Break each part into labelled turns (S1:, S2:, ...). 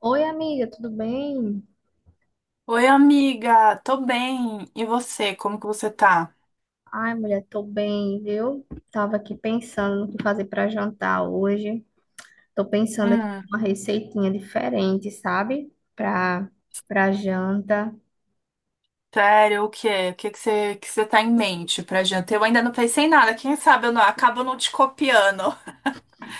S1: Oi, amiga, tudo bem?
S2: Oi, amiga, tô bem. E você, como que você tá?
S1: Ai, mulher, tô bem, viu? Tava aqui pensando no que fazer pra jantar hoje. Tô pensando aqui
S2: Hum.
S1: em uma receitinha diferente, sabe? Pra janta.
S2: Sério, o quê? O que que você tá em mente pra gente? Eu ainda não pensei em nada, quem sabe eu não, acabo não te copiando.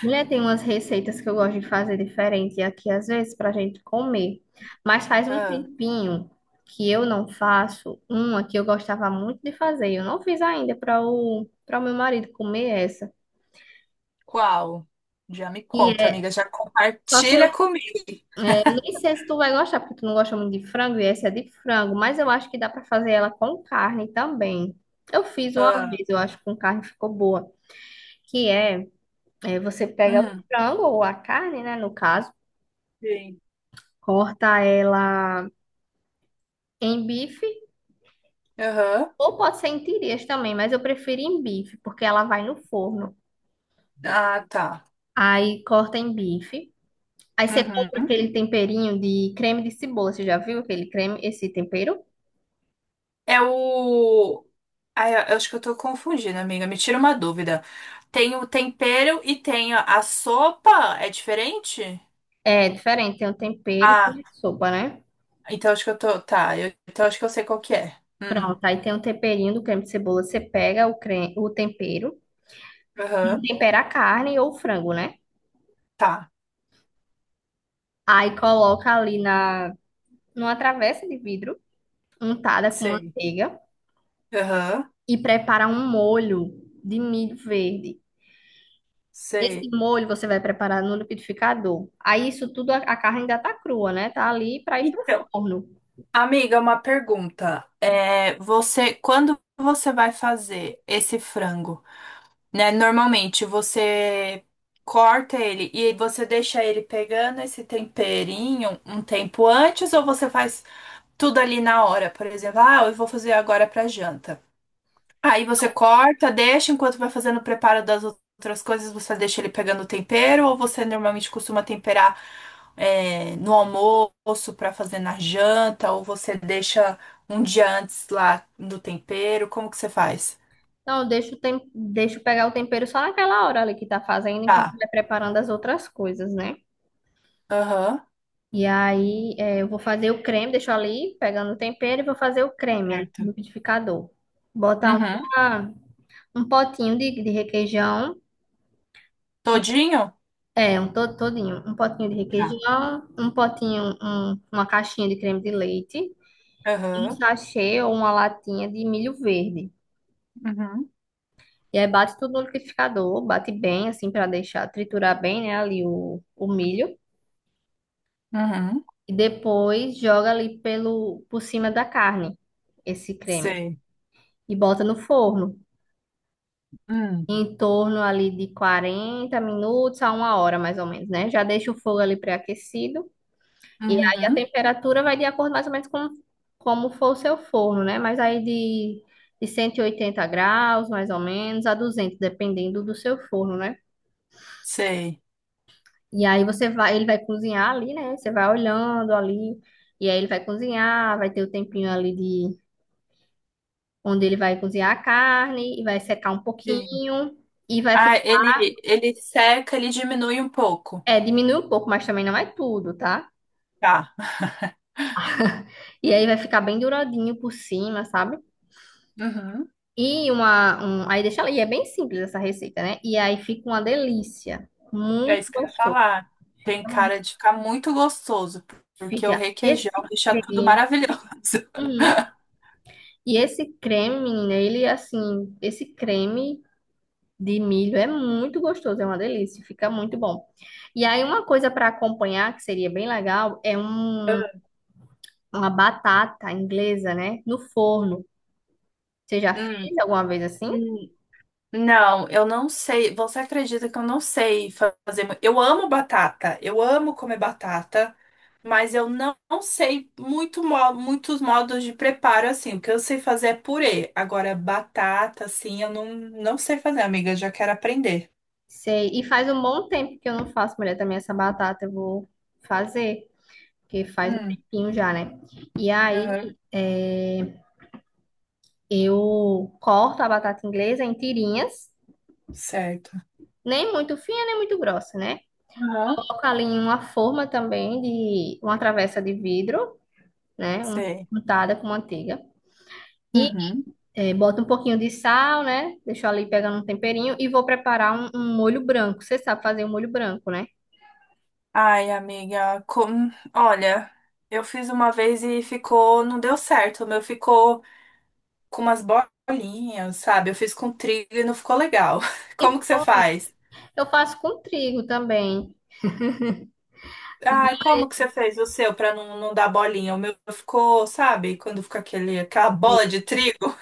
S1: Mulher, tem umas receitas que eu gosto de fazer diferente aqui, às vezes, pra gente comer. Mas faz um
S2: Ah,
S1: tempinho que eu não faço uma que eu gostava muito de fazer. Eu não fiz ainda para o meu marido comer essa.
S2: qual? Já me
S1: E
S2: conta,
S1: é-
S2: amiga, já
S1: só que eu
S2: compartilha comigo.
S1: Nem sei se tu vai gostar, porque tu não gosta muito de frango e essa é de frango, mas eu acho que dá pra fazer ela com carne também. Eu fiz uma
S2: Ah.
S1: vez, eu acho que com carne ficou boa. Que é, É você pega o
S2: Hum.
S1: frango ou a carne, né, no caso,
S2: Sim.
S1: corta ela em bife
S2: Aham.
S1: ou pode ser em tirinhas também, mas eu prefiro em bife, porque ela vai no forno.
S2: Ah, tá.
S1: Aí corta em bife. Aí você compra
S2: Uhum.
S1: aquele temperinho de creme de cebola, você já viu aquele creme, esse tempero?
S2: É o... Ah, eu acho que eu tô confundindo, amiga, me tira uma dúvida. Tem o tempero e tem a sopa, é diferente?
S1: É diferente, tem um tempero e
S2: Ah.
S1: tem sopa, né?
S2: Então acho que eu tô. Tá, então acho que eu sei qual que é.
S1: Pronto,
S2: Hum.
S1: aí tem o temperinho do creme de cebola. Você pega creme, o tempero, e
S2: Aham.
S1: tempera a carne ou o frango, né?
S2: Tá,
S1: Aí coloca numa travessa de vidro, untada com
S2: sei.
S1: manteiga,
S2: Aham,
S1: e prepara um molho de milho verde. Esse
S2: sei.
S1: molho você vai preparar no liquidificador. Aí isso tudo, a carne ainda tá crua, né? Tá ali para ir pro
S2: Então,
S1: forno.
S2: amiga, uma pergunta. É, quando você vai fazer esse frango, né? Normalmente você corta ele e você deixa ele pegando esse temperinho um tempo antes ou você faz tudo ali na hora? Por exemplo, ah, eu vou fazer agora pra janta. Aí você corta, deixa enquanto vai fazendo o preparo das outras coisas, você deixa ele pegando o tempero, ou você normalmente costuma temperar no almoço para fazer na janta, ou você deixa um dia antes lá no tempero, como que você faz?
S1: Então, deixa pegar o tempero só naquela hora ali que tá fazendo, enquanto
S2: Tá.
S1: vai preparando as outras coisas, né?
S2: Aham.
S1: E aí, é, eu vou fazer o creme, deixo ali, pegando o tempero, e vou fazer o creme no
S2: Certo.
S1: liquidificador. Botar
S2: Uhum.
S1: uma- um potinho de requeijão,
S2: Todinho?
S1: é, todinho, um potinho de
S2: Tá.
S1: requeijão, um potinho, um- uma caixinha de creme de leite, e um
S2: Aham.
S1: sachê ou uma latinha de milho verde.
S2: Uhum.
S1: E aí bate tudo no liquidificador, bate bem, assim, para deixar triturar bem, né, ali o milho.
S2: Uhum.
S1: E depois joga ali por cima da carne, esse creme.
S2: Sei.
S1: E bota no forno.
S2: Hum.
S1: Em torno ali de 40 minutos a uma hora, mais ou menos, né? Já deixa o fogo ali pré-aquecido. E aí a
S2: Uhum.
S1: temperatura vai de acordo mais ou menos com como for o seu forno, né? Mas aí de 180 graus, mais ou menos, a 200, dependendo do seu forno, né?
S2: Sei.
S1: E aí você vai, ele vai cozinhar ali, né? Você vai olhando ali, e aí ele vai cozinhar, vai ter o tempinho ali de onde ele vai cozinhar a carne e vai secar um
S2: E
S1: pouquinho e
S2: Ah, ele seca, ele diminui um pouco.
S1: diminuir um pouco, mas também não é tudo, tá?
S2: Tá.
S1: E aí vai ficar bem douradinho por cima, sabe?
S2: Uhum.
S1: E aí deixa ela, e é bem simples essa receita, né? E aí fica uma delícia,
S2: É
S1: muito
S2: isso que eu ia
S1: gostoso.
S2: falar. Tem
S1: Fica, um-
S2: cara de ficar muito gostoso, porque o
S1: fica
S2: requeijão
S1: esse
S2: deixa tudo
S1: creme,
S2: maravilhoso.
S1: uhum. E esse creme, menina, ele é assim, esse creme de milho é muito gostoso, é uma delícia, fica muito bom. E aí uma coisa para acompanhar que seria bem legal é uma batata inglesa, né? No forno. Você já fez
S2: Hum.
S1: alguma vez assim?
S2: Hum. Não, eu não sei. Você acredita que eu não sei fazer? Eu amo batata, eu amo comer batata, mas eu não sei muito, muitos modos de preparo assim. O que eu sei fazer é purê. Agora, batata, assim, eu não sei fazer, amiga. Eu já quero aprender.
S1: Sei. E faz um bom tempo que eu não faço, mulher, também essa batata eu vou fazer, porque faz um
S2: Hum.
S1: tempinho já, né? E aí
S2: Aham.
S1: é, eu corto a batata inglesa em tirinhas,
S2: Certo.
S1: nem muito fina, nem muito grossa, né?
S2: Aham.
S1: Coloco ali em uma forma também de uma travessa de vidro, né?
S2: Sei.
S1: Untada com manteiga. E
S2: Uhum.
S1: boto um pouquinho de sal, né? Deixo ali pegando um temperinho e vou preparar um molho branco. Você sabe fazer um molho branco, né?
S2: Ai, amiga, olha, eu fiz uma vez e ficou, não deu certo. O meu ficou com umas bolinhas, sabe? Eu fiz com trigo e não ficou legal.
S1: E
S2: Como que você
S1: foi.
S2: faz?
S1: Eu faço com trigo também.
S2: Ai, como que você fez o seu pra não dar bolinha? O meu ficou, sabe? Quando fica aquela
S1: Sei,
S2: bola de trigo.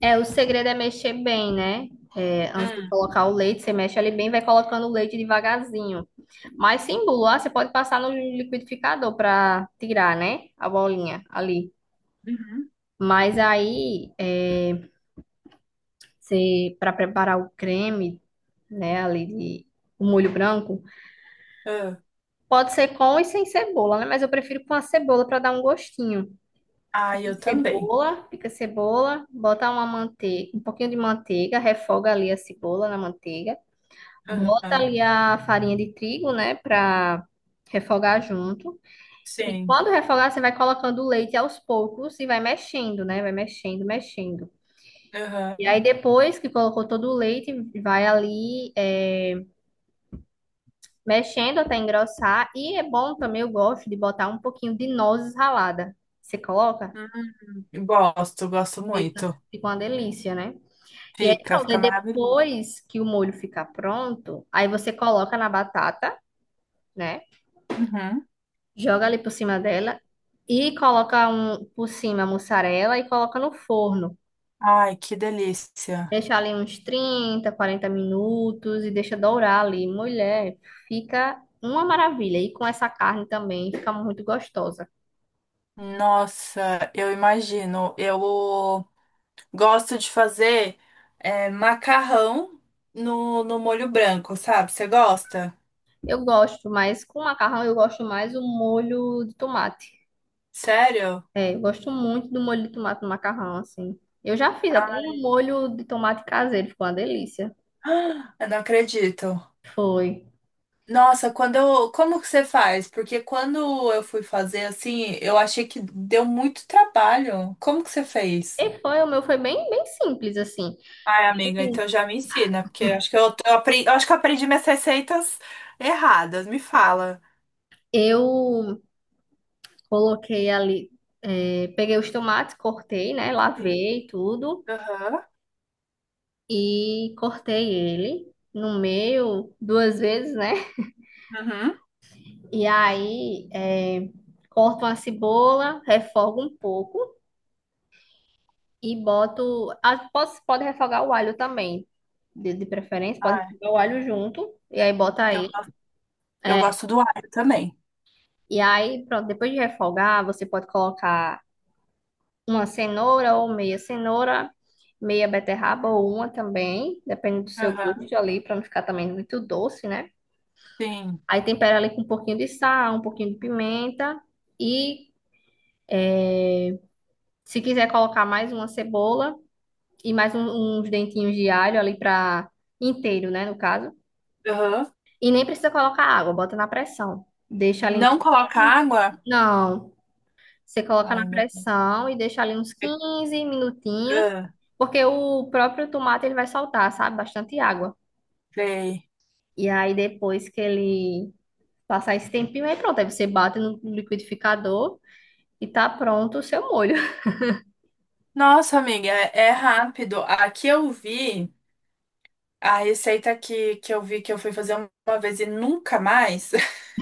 S1: é, o segredo é mexer bem, né? É, antes de
S2: Hum.
S1: colocar o leite, você mexe ali bem, vai colocando o leite devagarzinho. Mas sem bula, você pode passar no liquidificador para tirar, né, a bolinha ali.
S2: Uhum.
S1: Mas aí, você, para preparar o creme, né, ali de o molho branco,
S2: Ah.
S1: pode ser com e sem cebola, né? Mas eu prefiro com a cebola para dar um gostinho.
S2: Ai, eu
S1: Pica
S2: também.
S1: Cebola, pica cebola, bota uma manteiga, um pouquinho de manteiga, refoga ali a cebola na manteiga, bota
S2: Aham.
S1: ali a farinha de trigo, né, pra refogar junto. E
S2: Sim.
S1: quando refogar, você vai colocando o leite aos poucos e vai mexendo, né, vai mexendo, mexendo. E aí
S2: Aham.
S1: depois que colocou todo o leite, vai ali é, mexendo até engrossar. E é bom também, eu gosto de botar um pouquinho de nozes ralada. Você coloca?
S2: Hum. Gosto, gosto
S1: Fica,
S2: muito.
S1: fica uma delícia, né? E aí
S2: Fica,
S1: pronto, aí
S2: fica maravilhoso.
S1: depois que o molho ficar pronto, aí você coloca na batata, né?
S2: Uhum.
S1: Joga ali por cima dela e coloca por cima a mussarela e coloca no forno.
S2: Ai, que delícia.
S1: Deixa ali uns 30, 40 minutos e deixa dourar ali. Mulher, fica uma maravilha. E com essa carne também fica muito gostosa.
S2: Nossa, eu imagino. Eu gosto de fazer macarrão no molho branco, sabe? Você gosta?
S1: Eu gosto, mas com macarrão eu gosto mais o molho de tomate.
S2: Sério?
S1: É, eu gosto muito do molho de tomate no macarrão, assim. Eu já fiz até
S2: Ah,
S1: um molho de tomate caseiro, ficou uma delícia.
S2: eu não acredito.
S1: Foi.
S2: Nossa, como que você faz? Porque quando eu fui fazer assim, eu achei que deu muito trabalho. Como que você fez?
S1: E foi, o meu foi bem, bem simples, assim.
S2: Ai, amiga, então já me ensina, porque acho que eu aprendi minhas receitas erradas. Me fala.
S1: Eu coloquei ali, peguei os tomates, cortei, né?
S2: Sim.
S1: Lavei tudo
S2: Aham.
S1: e cortei ele no meio duas vezes, né?
S2: Uhum.
S1: E aí, corto uma cebola, refogo um pouco. E boto. Pode refogar o alho também, de preferência, pode
S2: Ai,
S1: refogar o alho junto. E aí bota
S2: eu
S1: aí.
S2: Eu
S1: É,
S2: gosto do alho também.
S1: e aí, pronto, depois de refogar, você pode colocar uma cenoura ou meia cenoura, meia beterraba ou uma também, depende do seu
S2: Aham,
S1: gosto ali, para não ficar também muito doce, né?
S2: sim.
S1: Aí tempera ali com um pouquinho de sal, um pouquinho de pimenta. E se quiser colocar mais uma cebola e mais uns dentinhos de alho ali para inteiro, né, no caso.
S2: Aham.
S1: E nem precisa colocar água, bota na pressão. Deixa ali uns
S2: Não coloca
S1: 15.
S2: água?
S1: Não, você coloca na
S2: Ai, meu
S1: pressão e deixa ali uns
S2: Deus.
S1: 15 minutinhos,
S2: Ah,
S1: porque o próprio tomate ele vai soltar, sabe? Bastante água.
S2: sei.
S1: E aí depois que ele passar esse tempinho, aí pronto, aí você bate no liquidificador e tá pronto o seu molho.
S2: Nossa, amiga, é rápido. Aqui eu vi a receita que eu vi que eu fui fazer uma vez e nunca mais.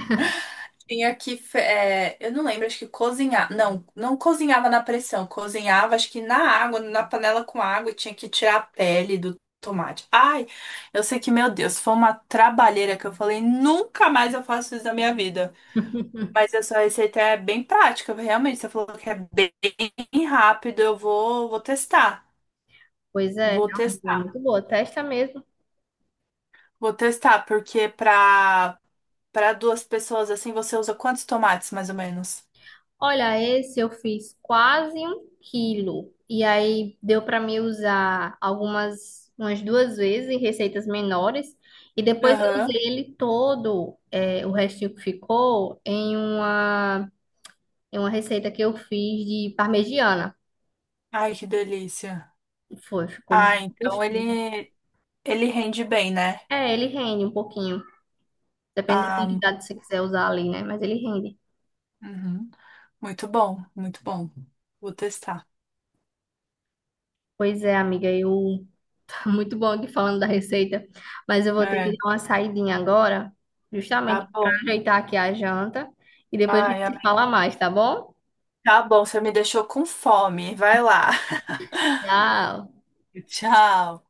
S2: Tinha que eu não lembro, acho que cozinhar. Não, não cozinhava na pressão. Cozinhava, acho que na água, na panela com água, e tinha que tirar a pele do tomate. Ai, eu sei que, meu Deus, foi uma trabalheira que eu falei, nunca mais eu faço isso na minha vida. Mas essa receita é bem prática, realmente. Você falou que é bem rápido. Eu vou testar.
S1: Pois é,
S2: Vou
S1: realmente, ela é
S2: testar.
S1: muito boa. Testa mesmo.
S2: Vou testar, porque para duas pessoas assim, você usa quantos tomates, mais ou menos?
S1: Olha, esse eu fiz quase um quilo. E aí deu para mim usar umas duas vezes em receitas menores. E depois eu usei
S2: Aham.
S1: ele todo, é, o restinho que ficou, em uma, receita que eu fiz de parmegiana.
S2: Ai, que delícia.
S1: Foi, ficou
S2: Ah,
S1: muito
S2: então
S1: gostoso.
S2: ele rende bem, né?
S1: É, ele rende um pouquinho. Depende da
S2: Ah,
S1: quantidade que você quiser usar ali, né? Mas ele rende.
S2: uhum. Muito bom, muito bom. Vou testar.
S1: Pois é, amiga, eu muito bom aqui falando da receita, mas eu vou ter
S2: É,
S1: que dar uma saidinha agora,
S2: tá
S1: justamente para
S2: bom.
S1: ajeitar aqui a janta, e depois a gente
S2: Ai,
S1: se
S2: amém.
S1: fala mais, tá bom?
S2: Tá bom, você me deixou com fome. Vai lá.
S1: Tchau!
S2: Tchau.